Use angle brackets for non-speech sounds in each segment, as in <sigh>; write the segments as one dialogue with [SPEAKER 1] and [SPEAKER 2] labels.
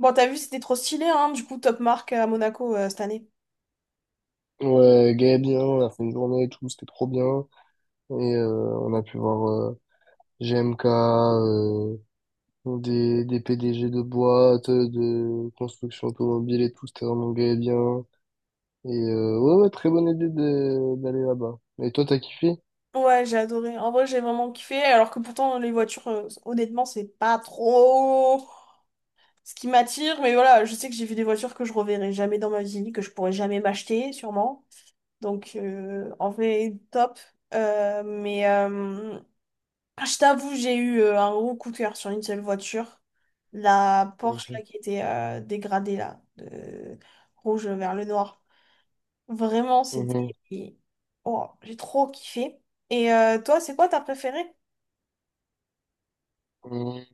[SPEAKER 1] Bon, t'as vu, c'était trop stylé, hein, du coup, top marque à Monaco cette année.
[SPEAKER 2] Ouais, Gaëdien, on a fait une journée et tout, c'était trop bien. On a pu voir GMK, des PDG de boîtes, de construction automobile et tout, c'était vraiment Gaëdien. Ouais, ouais, très bonne idée d'aller là-bas. Et toi, t'as kiffé?
[SPEAKER 1] Ouais, j'ai adoré. En vrai, j'ai vraiment kiffé, alors que pourtant, les voitures, honnêtement, c'est pas trop ce qui m'attire, mais voilà, je sais que j'ai vu des voitures que je reverrai jamais dans ma vie, que je pourrais jamais m'acheter, sûrement. Donc, en vrai, top. Euh, mais euh, je t'avoue, j'ai eu un gros coup de cœur sur une seule voiture, la Porsche,
[SPEAKER 2] Mhm,
[SPEAKER 1] là, qui était dégradée, là, de rouge vers le noir. Vraiment,
[SPEAKER 2] mhm,
[SPEAKER 1] et- Oh, j'ai trop kiffé. Et toi, c'est quoi ta préférée?
[SPEAKER 2] mhm.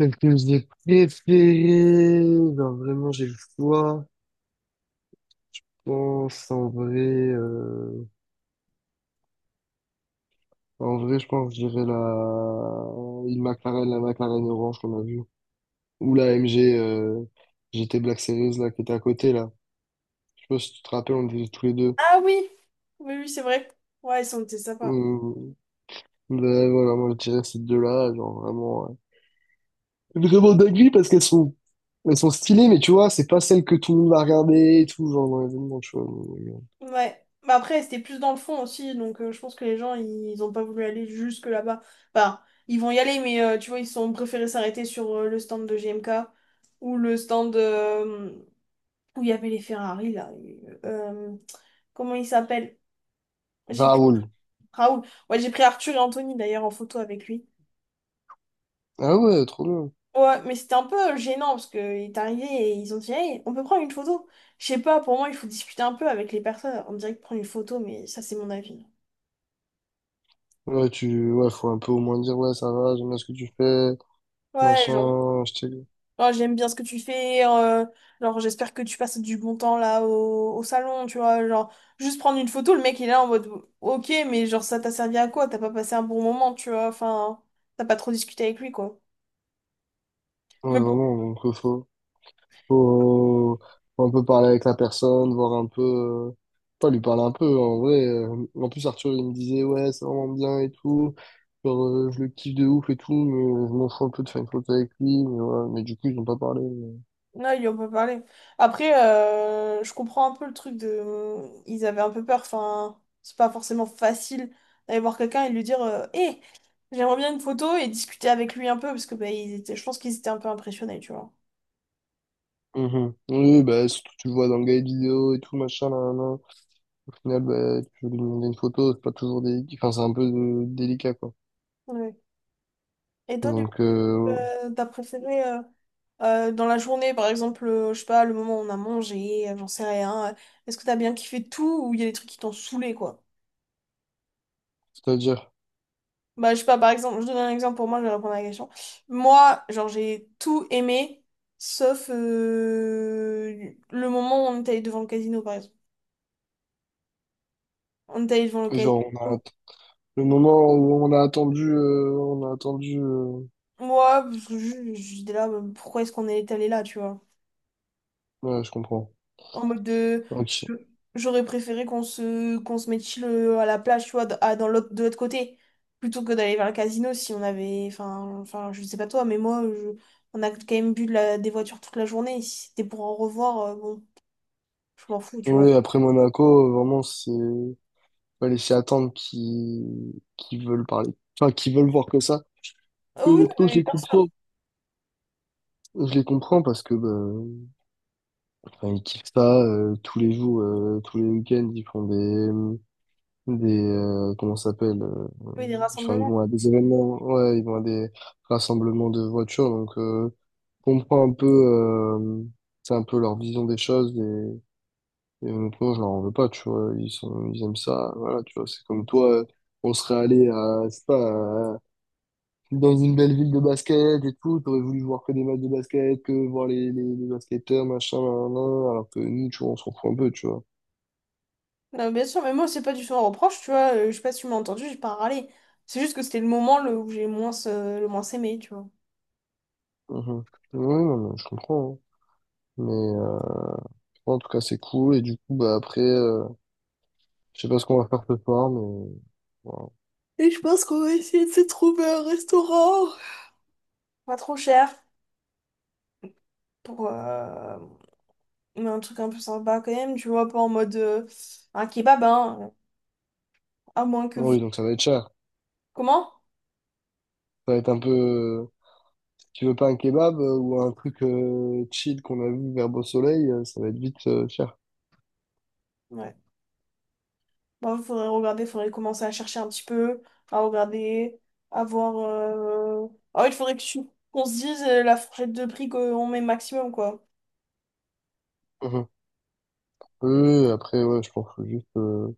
[SPEAKER 2] Celle que j'ai préférée, genre vraiment j'ai le choix. Je pense en vrai, je pense que je dirais une McLaren, la McLaren orange qu'on a vue. Ou la MG GT Black Series là, qui était à côté là. Je sais pas si tu te rappelles, on était tous les deux.
[SPEAKER 1] Ah oui, oui, c'est vrai. Ouais, ils sont c'était sympa.
[SPEAKER 2] Euh, voilà, moi je dirais ces deux-là, genre vraiment, vraiment dinguerie parce elles sont stylées, mais tu vois, c'est pas celles que tout le monde va regarder et tout, genre dans l'événement, tu vois.
[SPEAKER 1] Ouais. Bah après, c'était plus dans le fond aussi, donc je pense que les gens, ils ont pas voulu aller jusque là-bas. Enfin, ils vont y aller, mais tu vois, ils ont préféré s'arrêter sur le stand de GMK ou le stand, où il y avait les Ferrari, là. euh, Comment il s'appelle? J'ai pris
[SPEAKER 2] Raoul.
[SPEAKER 1] Raoul. Ouais, j'ai pris Arthur et Anthony, d'ailleurs, en photo avec lui.
[SPEAKER 2] Ah ouais, trop bien.
[SPEAKER 1] Ouais, mais c'était un peu gênant, parce qu'il est arrivé et ils ont dit, «Hey, on peut prendre une photo.» Je sais pas, pour moi, il faut discuter un peu avec les personnes. On dirait que prendre une photo, mais ça, c'est mon avis.
[SPEAKER 2] Ouais, faut un peu au moins dire, ouais, ça va, j'aime bien ce que tu fais,
[SPEAKER 1] Ouais, genre,
[SPEAKER 2] machin,
[SPEAKER 1] oh, j'aime bien ce que tu fais. Genre, j'espère que tu passes du bon temps, là, au salon, tu vois. Genre, juste prendre une photo, le mec, il est là en mode, ok, mais genre, ça t'a servi à quoi? T'as pas passé un bon moment, tu vois. Enfin, t'as pas trop discuté avec lui, quoi.
[SPEAKER 2] Ouais,
[SPEAKER 1] Mais bon,
[SPEAKER 2] vraiment, donc, faut. Faut- Faut, faut un peu parler avec la personne, voir un peu. Pas lui parler un peu, en vrai. En plus, Arthur, il me disait, ouais, c'est vraiment bien et tout. Genre, je le kiffe de ouf et tout, mais je m'en fous un peu de faire une photo avec lui. Mais, ouais, mais du coup, ils ont pas parlé.
[SPEAKER 1] là, il en peut parler. Après, je comprends un peu le truc de. Ils avaient un peu peur. Enfin, c'est pas forcément facile d'aller voir quelqu'un et de lui dire Hé, j'aimerais bien une photo et discuter avec lui un peu parce que bah, ils étaient... je pense qu'ils étaient un peu impressionnés, tu vois.
[SPEAKER 2] Mhm. Oui, bah, surtout, tu le vois dans le guide vidéo et tout, machin, là, là. Au final, bah, tu veux lui demander une photo, c'est pas toujours délicat. Enfin, c'est un peu délicat, quoi.
[SPEAKER 1] Ouais. Et toi, du coup,
[SPEAKER 2] Donc, euh,
[SPEAKER 1] t'as préféré dans la journée, par exemple, je sais pas, le moment où on a mangé, j'en sais rien. Est-ce que t'as bien kiffé tout ou il y a des trucs qui t'ont saoulé, quoi?
[SPEAKER 2] c'est-à-dire,
[SPEAKER 1] Bah, je sais pas, par exemple, je donne un exemple pour moi, je vais répondre à la question. Moi, genre, j'ai tout aimé, sauf le moment où on est allé devant le casino, par exemple. On est allé devant le casino.
[SPEAKER 2] genre, on a, le moment où on a attendu.
[SPEAKER 1] Moi, parce que j'étais là, bah, pourquoi est-ce qu'on est allé là, tu vois?
[SPEAKER 2] Ouais, je comprends.
[SPEAKER 1] En mode de.
[SPEAKER 2] Ok.
[SPEAKER 1] J'aurais préféré qu'on se mette chill à la plage, tu vois, dans l'autre, de l'autre côté, plutôt que d'aller vers le casino si on avait. Enfin, je sais pas toi, mais moi, on a quand même bu de des voitures toute la journée. Si c'était pour en revoir, bon. Je m'en fous, tu vois.
[SPEAKER 2] Oui, après Monaco, vraiment, c'est... Fallait s'y attendre qui veulent parler. Enfin, qui veulent voir que ça. Et
[SPEAKER 1] Oh oui, non,
[SPEAKER 2] honnêtement, je
[SPEAKER 1] mais
[SPEAKER 2] les
[SPEAKER 1] bien
[SPEAKER 2] comprends.
[SPEAKER 1] sûr.
[SPEAKER 2] Je les comprends parce que, bah, enfin, ils kiffent ça, tous les jours, tous les week-ends, ils font des comment ça s'appelle?
[SPEAKER 1] Oui, des
[SPEAKER 2] Enfin, ils
[SPEAKER 1] rassemblements.
[SPEAKER 2] vont à des événements, ouais, ils vont à des rassemblements de voitures, donc... Comprend un peu, c'est un peu leur vision des choses. Et honnêtement, je leur en veux pas, tu vois. Ils aiment ça. Voilà, tu vois. C'est comme toi, on serait allé à, je sais pas, dans une belle ville de basket et tout. T'aurais voulu voir que des matchs de basket, que voir les basketteurs, machin, nan, nan, nan, alors que nous, tu vois, on s'en fout un peu, tu vois.
[SPEAKER 1] Non, bien sûr, mais moi, c'est pas du tout un reproche, tu vois. Je sais pas si tu m'as entendu, j'ai pas râlé. C'est juste que c'était le moment le, où j'ai moins, le moins aimé, tu vois.
[SPEAKER 2] Mhm. Oui, non, mais je comprends, hein. Mais en tout cas, c'est cool. Et du coup, bah après, je sais pas ce qu'on va faire ce soir, mais voilà.
[SPEAKER 1] Et je pense qu'on va essayer de se trouver un restaurant. Pas trop cher pour mais un truc un peu sympa quand même, tu vois, pas en mode un kebab, hein, à moins que vous...
[SPEAKER 2] Oui, donc ça va être cher.
[SPEAKER 1] Comment?
[SPEAKER 2] Ça va être un peu. Tu veux pas un kebab ou un truc chill qu'on a vu vers Beau Soleil, ça va être vite cher.
[SPEAKER 1] Ouais. Bon, il faudrait regarder, il faudrait commencer à chercher un petit peu, à regarder, à voir. Ah oui, il faudrait que qu'on se dise la fourchette de prix qu'on met maximum, quoi.
[SPEAKER 2] Mhm. Oui, oui, après, ouais, je pense qu'il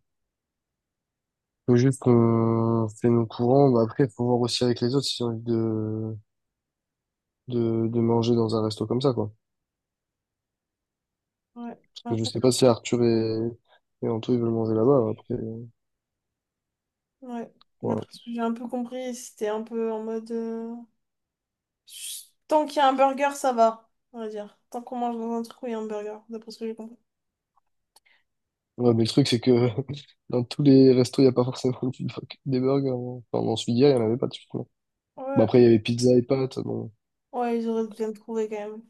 [SPEAKER 2] faut juste qu'on fait nos courants. Bah, après, il faut voir aussi avec les autres si j'ai envie de manger dans un resto comme ça, quoi.
[SPEAKER 1] Ouais,
[SPEAKER 2] Parce que je
[SPEAKER 1] après,
[SPEAKER 2] sais pas si et Anto, ils veulent manger là-bas. Après,
[SPEAKER 1] ouais.
[SPEAKER 2] voilà.
[SPEAKER 1] D'après ce que j'ai un peu compris, c'était un peu en mode. Tant qu'il y a un burger, ça va, on va dire. Tant qu'on mange dans un truc où il y a un burger, d'après ce que j'ai compris.
[SPEAKER 2] Ouais, mais le truc, c'est que <laughs> dans tous les restos, il n'y a pas forcément <laughs> des burgers, hein. Enfin, dans celui-là, il n'y en avait pas de suite. Bon,
[SPEAKER 1] Ouais,
[SPEAKER 2] après, il y avait pizza et pâtes. Bon,
[SPEAKER 1] ouais, ils auraient bien trouvé quand même.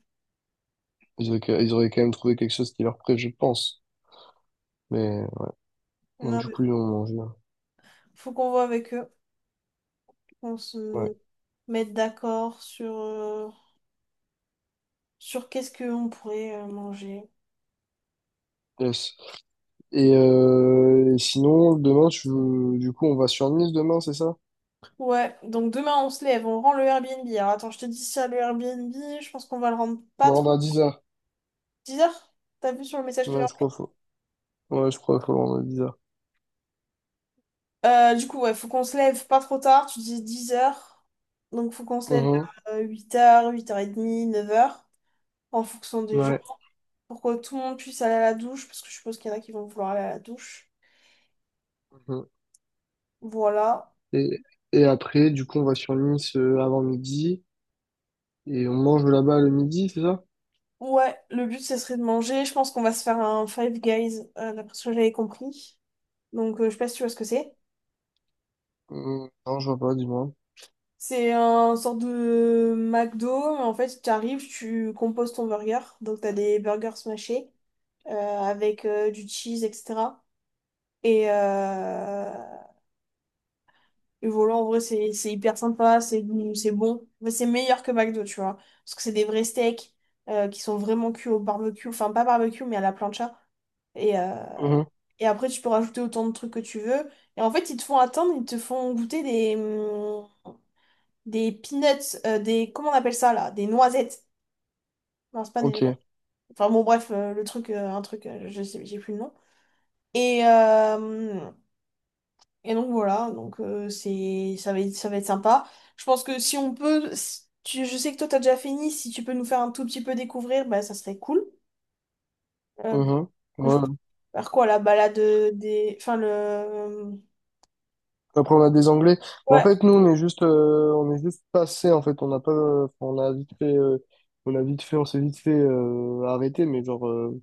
[SPEAKER 2] ils auraient, ils auraient quand même trouvé quelque chose qui leur plaît, je pense. Mais bon,
[SPEAKER 1] Non,
[SPEAKER 2] du
[SPEAKER 1] mais
[SPEAKER 2] coup, ils ont mangé, hein.
[SPEAKER 1] faut qu'on voit avec eux, qu'on
[SPEAKER 2] Ouais.
[SPEAKER 1] se mette d'accord sur, sur qu'est-ce qu'on pourrait manger.
[SPEAKER 2] Yes. Et sinon, demain, tu veux... du coup, on va sur Nice demain, c'est ça?
[SPEAKER 1] Ouais, donc demain on se lève, on rend le Airbnb. Alors attends, je te dis ça, le Airbnb, je pense qu'on va le rendre
[SPEAKER 2] Faut
[SPEAKER 1] pas
[SPEAKER 2] le
[SPEAKER 1] trop
[SPEAKER 2] rendre à 10 h.
[SPEAKER 1] 10 heures. T'as vu sur le message que
[SPEAKER 2] Ouais, je
[SPEAKER 1] j'ai
[SPEAKER 2] crois
[SPEAKER 1] envoyé.
[SPEAKER 2] faut... Ouais, je crois faut le rendre à 10h.
[SPEAKER 1] Du coup, ouais, faut qu'on se lève pas trop tard, tu dis 10 heures. Donc faut qu'on se lève vers 8h, 8h30, neuf heures, en fonction des gens,
[SPEAKER 2] Ouais.
[SPEAKER 1] pour que tout le monde puisse aller à la douche, parce que je suppose qu'il y en a qui vont vouloir aller à la douche.
[SPEAKER 2] Mhm.
[SPEAKER 1] Voilà.
[SPEAKER 2] Et, et après, du coup, on va sur Nice avant midi. Et on mange là-bas le midi, c'est ça?
[SPEAKER 1] Ouais, le but, ce serait de manger. Je pense qu'on va se faire un Five Guys, d'après ce que j'avais compris. Donc, je sais pas si tu vois ce que c'est.
[SPEAKER 2] Mhm. Non, je vois pas, dis-moi.
[SPEAKER 1] C'est un sorte de McDo. En fait, tu arrives, tu composes ton burger. Donc, tu as des burgers smashés euh, avec du cheese, etc. Et, euh, et voilà, en vrai, c'est hyper sympa, c'est bon. Mais c'est meilleur que McDo, tu vois. Parce que c'est des vrais steaks qui sont vraiment cuits au barbecue. Enfin, pas barbecue, mais à la plancha. Et, euh,
[SPEAKER 2] Mhm.
[SPEAKER 1] et après, tu peux rajouter autant de trucs que tu veux. Et en fait, ils te font attendre, ils te font goûter des des peanuts, des, comment on appelle ça là? Des noisettes. Non, c'est pas des...
[SPEAKER 2] Ok.
[SPEAKER 1] Enfin bon, bref, un truc, je sais, j'ai plus le nom. Et, euh, et donc voilà, donc ça va être sympa. Je pense que si on peut, si je sais que toi t'as déjà fini, si tu peux nous faire un tout petit peu découvrir, bah ça serait cool. Euh,
[SPEAKER 2] Mhm.
[SPEAKER 1] je
[SPEAKER 2] Ouais.
[SPEAKER 1] faire quoi, la balade des...
[SPEAKER 2] Après, on a des Anglais. Mais en
[SPEAKER 1] Ouais,
[SPEAKER 2] fait, nous, on est juste passé. En fait, on n'a pas, on a vite fait, on s'est vite fait arrêter. Mais genre,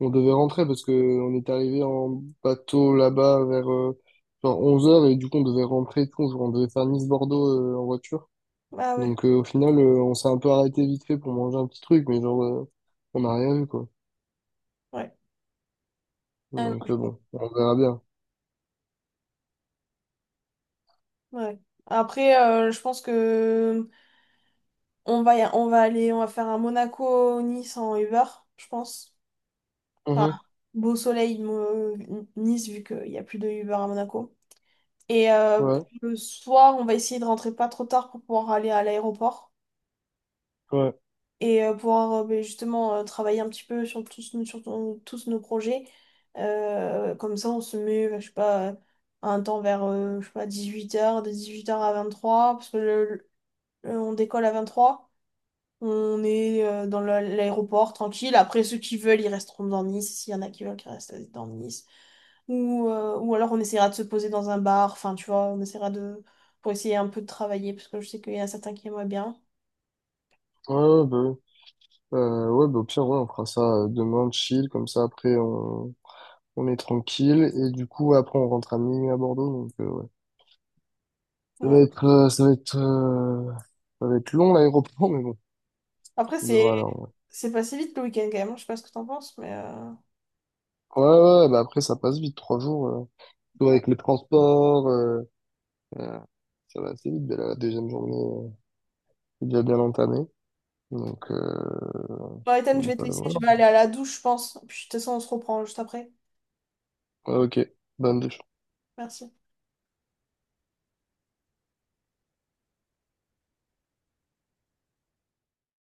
[SPEAKER 2] on devait rentrer parce que on est arrivé en bateau là-bas vers genre 11 heures et du coup, on devait rentrer. Et tout, genre, on devait faire Nice-Bordeaux en voiture.
[SPEAKER 1] ah ouais,
[SPEAKER 2] Donc, au final, on s'est un peu arrêté vite fait pour manger un petit truc, mais genre, on n'a rien vu quoi.
[SPEAKER 1] ouais. Ah
[SPEAKER 2] Donc,
[SPEAKER 1] non,
[SPEAKER 2] bon, on verra bien.
[SPEAKER 1] ouais. Après, je pense que on va aller, on va faire un Monaco-Nice en Uber, je pense. Enfin,
[SPEAKER 2] Mhm.
[SPEAKER 1] beau soleil, Nice, vu qu'il n'y a plus de Uber à Monaco. Et
[SPEAKER 2] Ouais,
[SPEAKER 1] le soir, on va essayer de rentrer pas trop tard pour pouvoir aller à l'aéroport
[SPEAKER 2] ouais,
[SPEAKER 1] et pouvoir ben, justement travailler un petit peu sur tous nos projets. Comme ça, on se met, ben, je sais pas, à un temps vers je sais pas, 18h, de 18h à 23h, parce que on décolle à 23h. On est dans l'aéroport tranquille. Après, ceux qui veulent, ils resteront dans Nice. S'il y en a qui veulent, qui restent dans Nice. Ou ou alors on essaiera de se poser dans un bar, enfin tu vois, on essaiera de... pour essayer un peu de travailler, parce que je sais qu'il y en a certains qui aimeraient bien.
[SPEAKER 2] ouais, bah oui. Ouais, bah, au pire, ouais, on fera ça demain, chill, comme ça, après, on est tranquille. Et du coup, ouais, après, on rentre à minuit à Bordeaux, donc, ouais. Ça va
[SPEAKER 1] Ouais.
[SPEAKER 2] être, euh, ça va être, euh, Ça va être long, l'aéroport, mais bon,
[SPEAKER 1] Après,
[SPEAKER 2] ça devrait aller, en vrai.
[SPEAKER 1] c'est passé vite le week-end quand même, hein, je sais pas ce que t'en penses, mais...
[SPEAKER 2] Ouais, ouais, bah après, ça passe vite, 3 jours, surtout
[SPEAKER 1] ouais.
[SPEAKER 2] avec les transports, euh, ça va assez vite, mais la deuxième journée est déjà bien entamée. Donc, euh,
[SPEAKER 1] Bon, Ethan, je
[SPEAKER 2] donc,
[SPEAKER 1] vais te
[SPEAKER 2] euh,
[SPEAKER 1] laisser, je
[SPEAKER 2] voilà.
[SPEAKER 1] vais aller à la douche, je pense. Puis de toute façon, on se reprend juste après.
[SPEAKER 2] Ouais, ok, bonne
[SPEAKER 1] Merci.